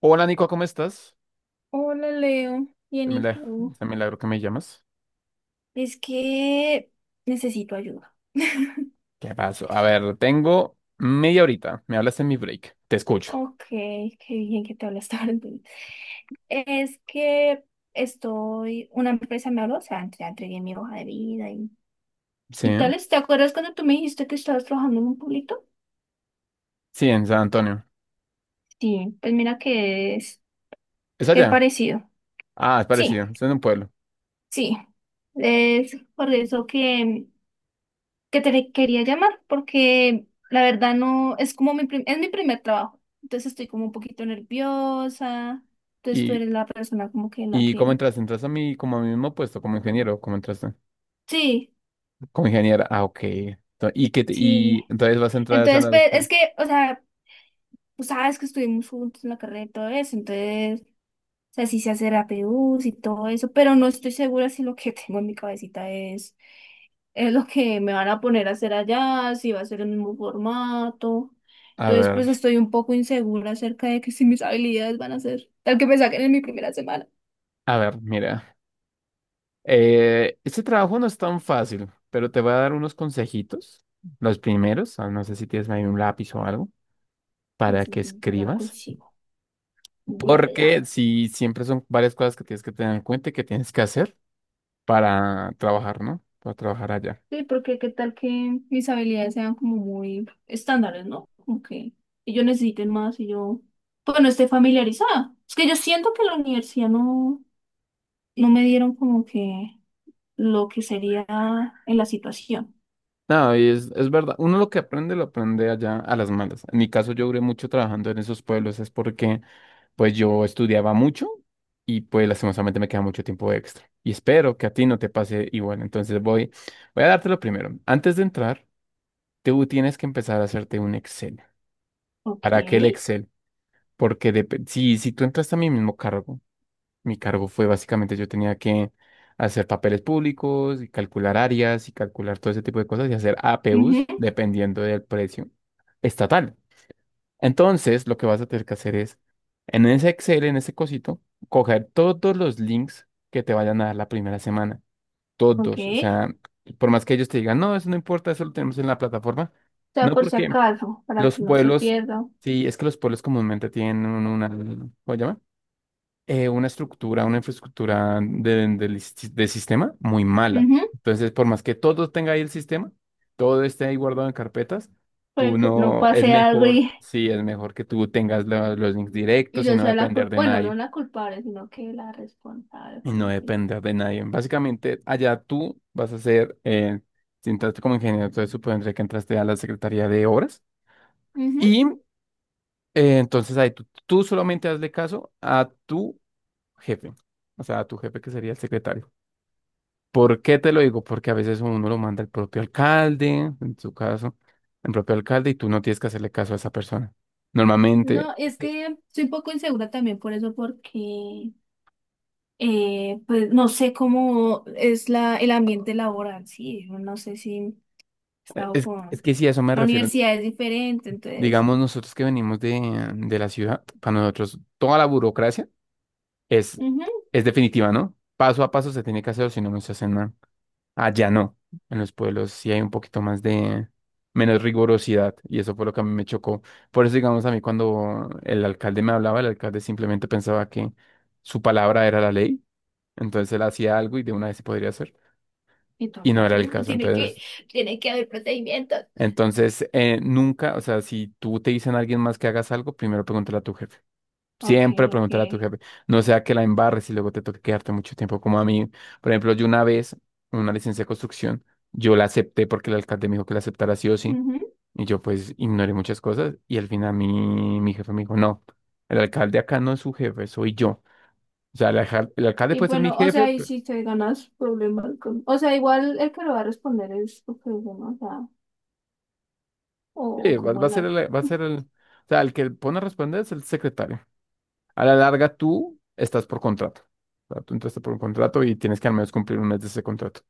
Hola Nico, ¿cómo estás? Hola Leo, bien y tú. De milagro que me llamas. Es que necesito ayuda. ¿Qué pasó? A ver, tengo media horita. Me hablas en mi break. Te escucho. Ok, qué bien que te hablas tarde. Es que estoy, una empresa me habló, o sea, entregué mi hoja de vida Sí, y tales. ¿Te acuerdas cuando tú me dijiste que estabas trabajando en un pueblito? sí, en San Antonio. Sí, pues mira ¿Es que es allá? parecido. Ah, es Sí, parecido. Es en un pueblo. sí. Es por eso que te quería llamar porque la verdad no, es como mi, es mi primer trabajo, entonces estoy como un poquito nerviosa, entonces tú ¿Y, eres la persona como que la y cómo que... entraste? ¿Entraste a mi, como a mi mismo puesto, como ingeniero? ¿Cómo entraste? Sí, Como ingeniera. Ah, ok. Ento- ¿Y qué te- sí. y entonces vas a entrar a San Entonces, pues es Antonio? que, o sea, tú sabes que estuvimos juntos en la carrera y todo eso, entonces, o sea, sí sé hacer APUs y todo eso, pero no estoy segura si lo que tengo en mi cabecita es lo que me van a poner a hacer allá, si va a ser el mismo formato. A Entonces, pues ver, estoy un poco insegura acerca de que si mis habilidades van a ser tal que me saquen en mi primera semana. a ver, mira. Este trabajo no es tan fácil, pero te voy a dar unos consejitos. Los primeros. Ah, no sé si tienes ahí un lápiz o algo, Sí, para sí, que sí, ya lo escribas, consigo. Ya, ya, porque ya. si siempre son varias cosas que tienes que tener en cuenta y que tienes que hacer para trabajar, ¿no? Para trabajar allá. Sí, porque qué tal que mis habilidades sean como muy estándares, ¿no? Como que ellos necesiten más y yo, pues no esté familiarizada. Es que yo siento que en la universidad no, no me dieron como que lo que sería en la situación. No, y es verdad, uno lo que aprende lo aprende allá a las malas. En mi caso yo duré mucho trabajando en esos pueblos, es porque pues yo estudiaba mucho y pues lastimosamente me queda mucho tiempo extra. Y espero que a ti no te pase igual. Entonces voy, voy a dártelo primero. Antes de entrar, tú tienes que empezar a hacerte un Excel. Ok. ¿Para qué el Excel? Porque depe- si, si tú entras a mi mismo cargo. Mi cargo fue básicamente yo tenía que hacer papeles públicos y calcular áreas y calcular todo ese tipo de cosas y hacer APUs Ujú, dependiendo del precio estatal. Entonces, lo que vas a tener que hacer es, en ese Excel, en ese cosito, coger todos los links que te vayan a dar la primera semana. ok. Todos. O sea, por más que ellos te digan, no, eso no importa, eso lo tenemos en la plataforma. Sea, No, por si porque acaso, para los que no se pueblos, pierda. sí, es que los pueblos comúnmente tienen un- una, ¿cómo se llama? Una estructura, una infraestructura de sistema muy mala. Ujú. Entonces, por más que todo tenga ahí el sistema, todo esté ahí guardado en carpetas, Para tú que no no, es pase algo mejor, sí, es mejor que tú tengas la- los links y directos y yo no sea la depender culpable, de bueno, no nadie, la culpable, sino que la responsable, y no parece. depender de nadie. Básicamente, allá tú vas a ser, si entraste como ingeniero, entonces supondré que entraste a la Secretaría de Obras, Ujú. y entonces ahí tú solamente hazle caso a tu jefe, o sea, a tu jefe que sería el secretario. ¿Por qué te lo digo? Porque a veces uno lo manda el propio alcalde, en su caso, el propio alcalde, y tú no tienes que hacerle caso a esa persona. Normalmente, No, es eh, que soy un poco insegura también por eso, porque pues no sé cómo es la, el ambiente laboral, sí, yo no sé si he estado es con que sí, a eso me la refiero. universidad es diferente, entonces, Digamos, nosotros que venimos de la ciudad, para nosotros toda la burocracia es, ujú. es definitiva, ¿no? Paso a paso se tiene que hacer, o si no, no se hace nada. Allá no. En los pueblos sí hay un poquito más de menos rigorosidad y eso fue lo que a mí me chocó. Por eso, digamos, a mí cuando el alcalde me hablaba, el alcalde simplemente pensaba que su palabra era la ley, entonces él hacía algo y de una vez se podría hacer Y todo y en no plan: era el caso. Entonces, tiene que haber procedimientos". entonces nunca, o sea, si tú te dicen a alguien más que hagas algo, primero pregúntale a tu jefe. Ok, Siempre ok. preguntar a tu jefe. No sea que la embarres y luego te toque quedarte mucho tiempo como a mí. Por ejemplo, yo una vez, una licencia de construcción, yo la acepté porque el alcalde me dijo que la aceptara sí o sí. Ujú. Y yo pues ignoré muchas cosas y al final mi jefe me dijo, no, el alcalde acá no es su jefe, soy yo. O sea, el, alcal- el alcalde Y puede ser mi bueno, o jefe, sea, y pero si te ganas problemas con... O sea, igual el que lo va a responder es tu problema, o sea, o sí, va, como va a el ser algo. el, va a ser el, o sea, el que pone a responder es el secretario. A la larga tú estás por contrato. O sea, tú entraste por un contrato y tienes que al menos cumplir un mes de ese contrato.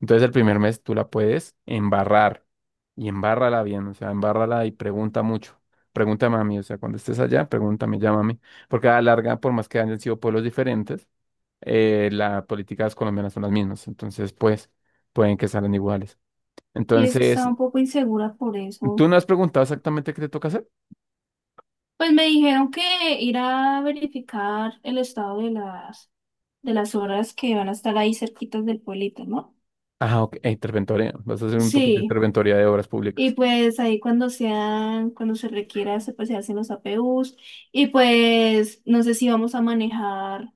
Entonces el primer mes tú la puedes embarrar y embárrala bien, o sea, embárrala y pregunta mucho. Pregunta mami, o sea, cuando estés allá, pregúntame, llámame, porque a la larga, por más que hayan sido pueblos diferentes, las políticas colombianas son las mismas, entonces pues pueden que salgan iguales. Y es que estaba Entonces, un poco insegura por ¿tú eso. no has preguntado exactamente qué te toca hacer? Pues me dijeron que ir a verificar el estado de las obras que van a estar ahí cerquitas del pueblito, ¿no? Ah, ok, interventoría, vas a hacer un poquito de Sí. interventoría de obras Y públicas. pues ahí cuando sean, cuando se requiera, se, pues, se hacen los APUs. Y pues no sé si vamos a manejar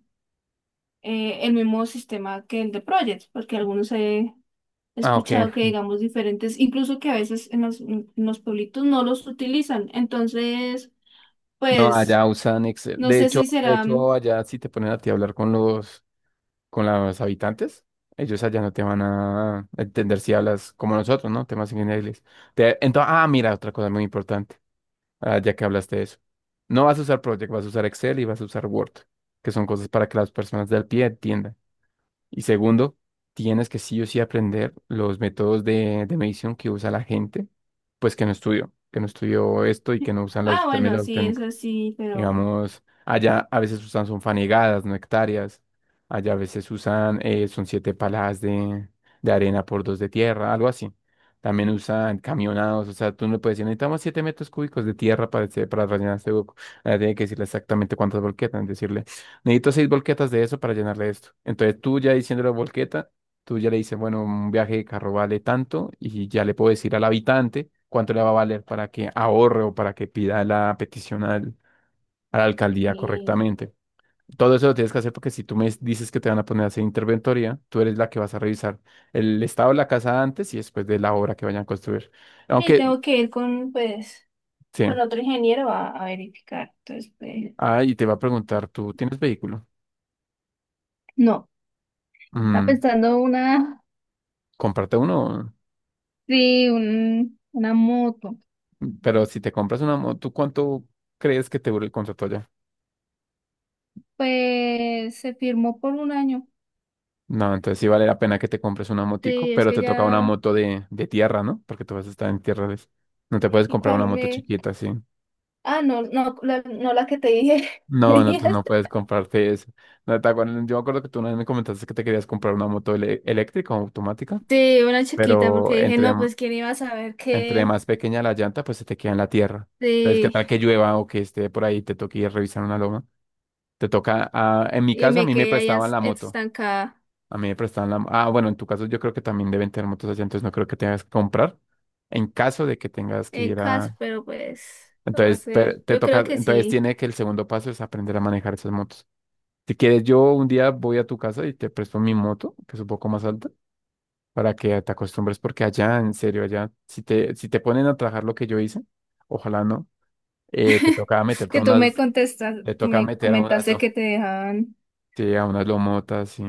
el mismo sistema que el de Project, porque algunos se he Ah, ok. escuchado que digamos diferentes, incluso que a veces en los pueblitos no los utilizan. Entonces, No, pues, allá usan Excel. no sé si De será... hecho, allá sí te ponen a ti a hablar con los habitantes, ellos allá no te van a entender si hablas como nosotros, ¿no? Temas en inglés. Entonces, ah, mira, otra cosa muy importante, ah, ya que hablaste de eso. No vas a usar Project, vas a usar Excel y vas a usar Word, que son cosas para que las personas del pie entiendan. Y segundo, tienes que sí o sí aprender los métodos de medición que usa la gente, pues que no estudió esto y que no usan Ah, los bueno, términos sí, es técnicos. así, pero... Digamos, allá a veces usan son fanegadas, no hectáreas. Allá a veces usan, son siete palas de arena por dos de tierra, algo así. También usan camionados, o sea, tú no le puedes decir, necesitamos siete metros cúbicos de tierra para, este- para rellenar este hueco. Ahora tiene que decirle exactamente cuántas volquetas, decirle, necesito seis volquetas de eso para llenarle esto. Entonces tú ya diciendo la volqueta, tú ya le dices, bueno, un viaje de carro vale tanto y ya le puedo decir al habitante cuánto le va a valer para que ahorre o para que pida la petición al, a la alcaldía Sí, correctamente. Todo eso lo tienes que hacer porque si tú me dices que te van a poner a hacer interventoría, tú eres la que vas a revisar el estado de la casa antes y después de la obra que vayan a construir. sí, Aunque, tengo que ir con, pues, sí, con otro ingeniero a verificar. Entonces, pues... ah, y te va a preguntar, ¿tú tienes vehículo? No, está Mm, pensando una, cómprate uno, sí, una moto. pero si te compras una moto, tú ¿cuánto crees que te dure el contrato ya? Pues se firmó por un año. No, entonces sí vale la pena que te compres una motico, Sí, es pero que te toca una ya. moto de tierra, ¿no? Porque tú vas a estar en tierra. De- no te puedes ¿Y comprar cuál una moto me? chiquita, sí. Ah, no, no, la, no la que te dije. No, no, tú no puedes comprarte eso. No, te acuerdas- yo me acuerdo que tú una vez me comentaste que te querías comprar una moto ele- eléctrica o automática, Sí, una chiquita, porque pero dije, entre, no, pues quién iba a saber entre que más pequeña la llanta, pues se te queda en la tierra. Entonces, ¿qué sí, tal que llueva o que esté por ahí, te toque ir a revisar una loma? Te toca, ah, en mi y caso, a me mí me quedé ahí prestaban la moto. estancada A mí me prestaban la... Ah, bueno, en tu caso yo creo que también deben tener motos así, entonces no creo que tengas que comprar en caso de que tengas que en ir a... casa, pero pues lo voy a Entonces, hacer. pe- te Yo creo toca, que entonces sí, tiene que el segundo paso es aprender a manejar esas motos. Si quieres, yo un día voy a tu casa y te presto mi moto, que es un poco más alta, para que te acostumbres, porque allá, en serio, allá, si te, si te ponen a trabajar lo que yo hice, ojalá no, te toca meterte a que tú me unas, contestas, te toca me meter a unas, comentaste lof- que te dejaban. sí, a unas lomotas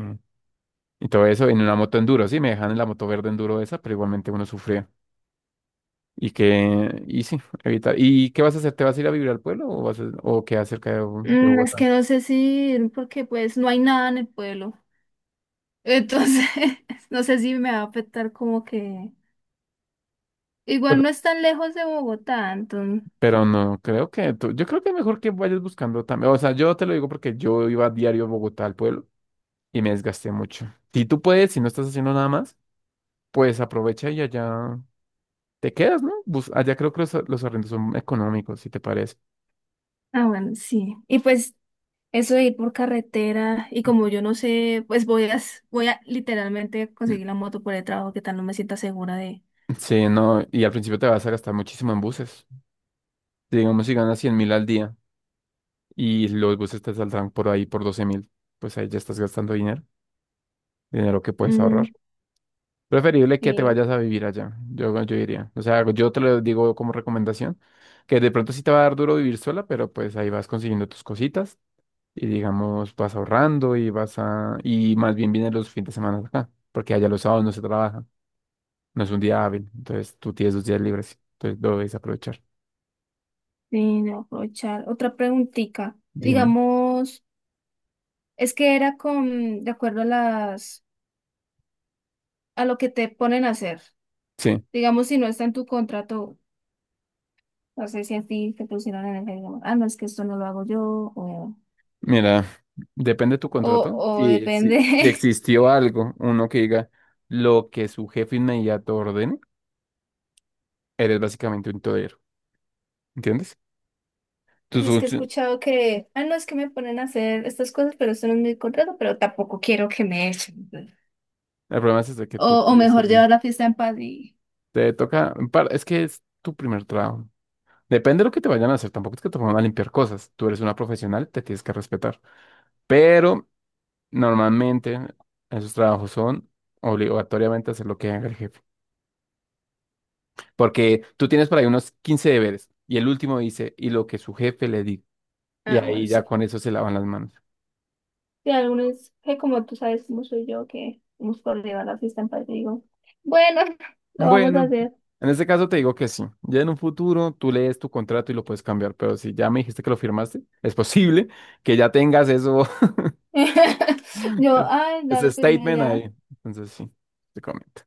y todo eso, en una moto enduro, sí, me dejan en la moto verde enduro esa, pero igualmente uno sufría. Y que, y sí, evitar. ¿Y qué vas a hacer? ¿Te vas a ir a vivir al pueblo o vas a- o quedas cerca de, Bo- de Mm, es Bogotá? que no sé si ir, porque pues no hay nada en el pueblo. Entonces, no sé si me va a afectar como que igual no es tan lejos de Bogotá, entonces. Pero no, creo que tú- yo creo que mejor que vayas buscando también. O sea, yo te lo digo porque yo iba a diario a Bogotá al pueblo y me desgasté mucho. Si tú puedes, si no estás haciendo nada más, pues aprovecha y allá te quedas, ¿no? Bus- allá creo que los arrendos son económicos, si te parece. Ah, bueno, sí. Y pues eso de ir por carretera y como yo no sé, pues voy a, voy a literalmente conseguir la moto por el trabajo, que tal no me sienta segura de... Mm, sí, no, y al principio te vas a gastar muchísimo en buses. Digamos, si ganas 100.000 al día y los buses te saldrán por ahí por 12.000, pues ahí ya estás gastando dinero, dinero que puedes ahorrar. Mm, Preferible que te sí, vayas a vivir allá, yo diría. O sea, yo te lo digo como recomendación, que de pronto sí te va a dar duro vivir sola, pero pues ahí vas consiguiendo tus cositas y digamos vas ahorrando y vas a... y más bien vienen los fines de semana acá, porque allá los sábados no se trabaja, no es un día hábil, entonces tú tienes dos días libres, entonces lo debes aprovechar. sí, de aprovechar. Otra preguntita. Dime. Digamos, es que era con, de acuerdo a las, a lo que te ponen a hacer. Sí, Digamos, si no está en tu contrato, no sé si a ti te pusieron en el jefe, ah, no, es que esto no lo hago yo, mira, depende de tu contrato. o, o Si, depende. si, si existió algo, uno que diga lo que su jefe inmediato ordene, eres básicamente un todero, ¿entiendes? Tus Es que he funcio- escuchado que, ah, no, es que me ponen a hacer estas cosas, pero esto no es mi contrato, pero tampoco quiero que me echen. el problema es ese que O, tú o tienes que... mejor llevar la fiesta en paz y, Te toca... en par- es que es tu primer trabajo. Depende de lo que te vayan a hacer. Tampoco es que te pongan a limpiar cosas. Tú eres una profesional, te tienes que respetar. Pero normalmente esos trabajos son obligatoriamente hacer lo que haga el jefe. Porque tú tienes por ahí unos 15 deberes y el último dice, y lo que su jefe le diga. Y ah, bueno, ahí ya sí. con eso se lavan las manos. Y algunos que como tú sabes cómo soy yo, que hemos por llevar la fiesta en paz y digo, bueno, lo vamos a Bueno, hacer. en este caso te digo que sí. Ya en un futuro tú lees tu contrato y lo puedes cambiar, pero si ya me dijiste que lo firmaste, es posible que ya tengas eso, Yo, ay, ese dale, firme statement ya. ahí. Entonces sí, te comento.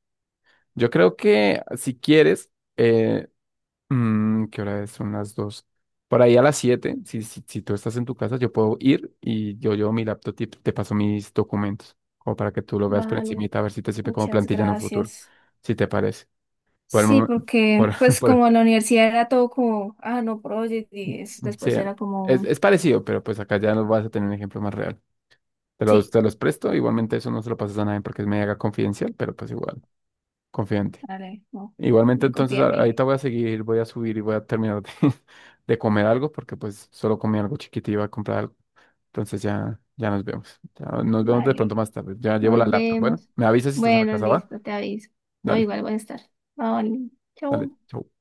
Yo creo que si quieres, eh, ¿qué hora es? Son las dos. Por ahí a las siete, si, si, si tú estás en tu casa, yo puedo ir y yo llevo mi laptop y te paso mis documentos, como para que tú lo veas por Vale, encimita, a ver si te sirve como muchas plantilla en un futuro, gracias. si te parece. Por el Sí, momen- por, porque pues como por, en la universidad era todo como, ah, no, Project, y sí, después era como, un, es parecido, pero pues acá ya no vas a tener un ejemplo más real. Te los, sí, te los presto, igualmente eso no se lo pasas a nadie porque es mega confidencial, pero pues igual, confidente. vale, no, Igualmente me entonces confía en a- mí, ahorita voy a seguir, voy a subir y voy a terminar de, de comer algo porque pues solo comí algo chiquito y iba a comprar algo. Entonces ya, ya nos vemos. Ya nos vemos de pronto vale, más tarde. Ya llevo la nos laptop. Bueno, vemos. me avisas si estás en la Bueno, casa, ¿va? listo, te aviso. No, Dale, igual voy a estar. Vale, dale, chao. chau.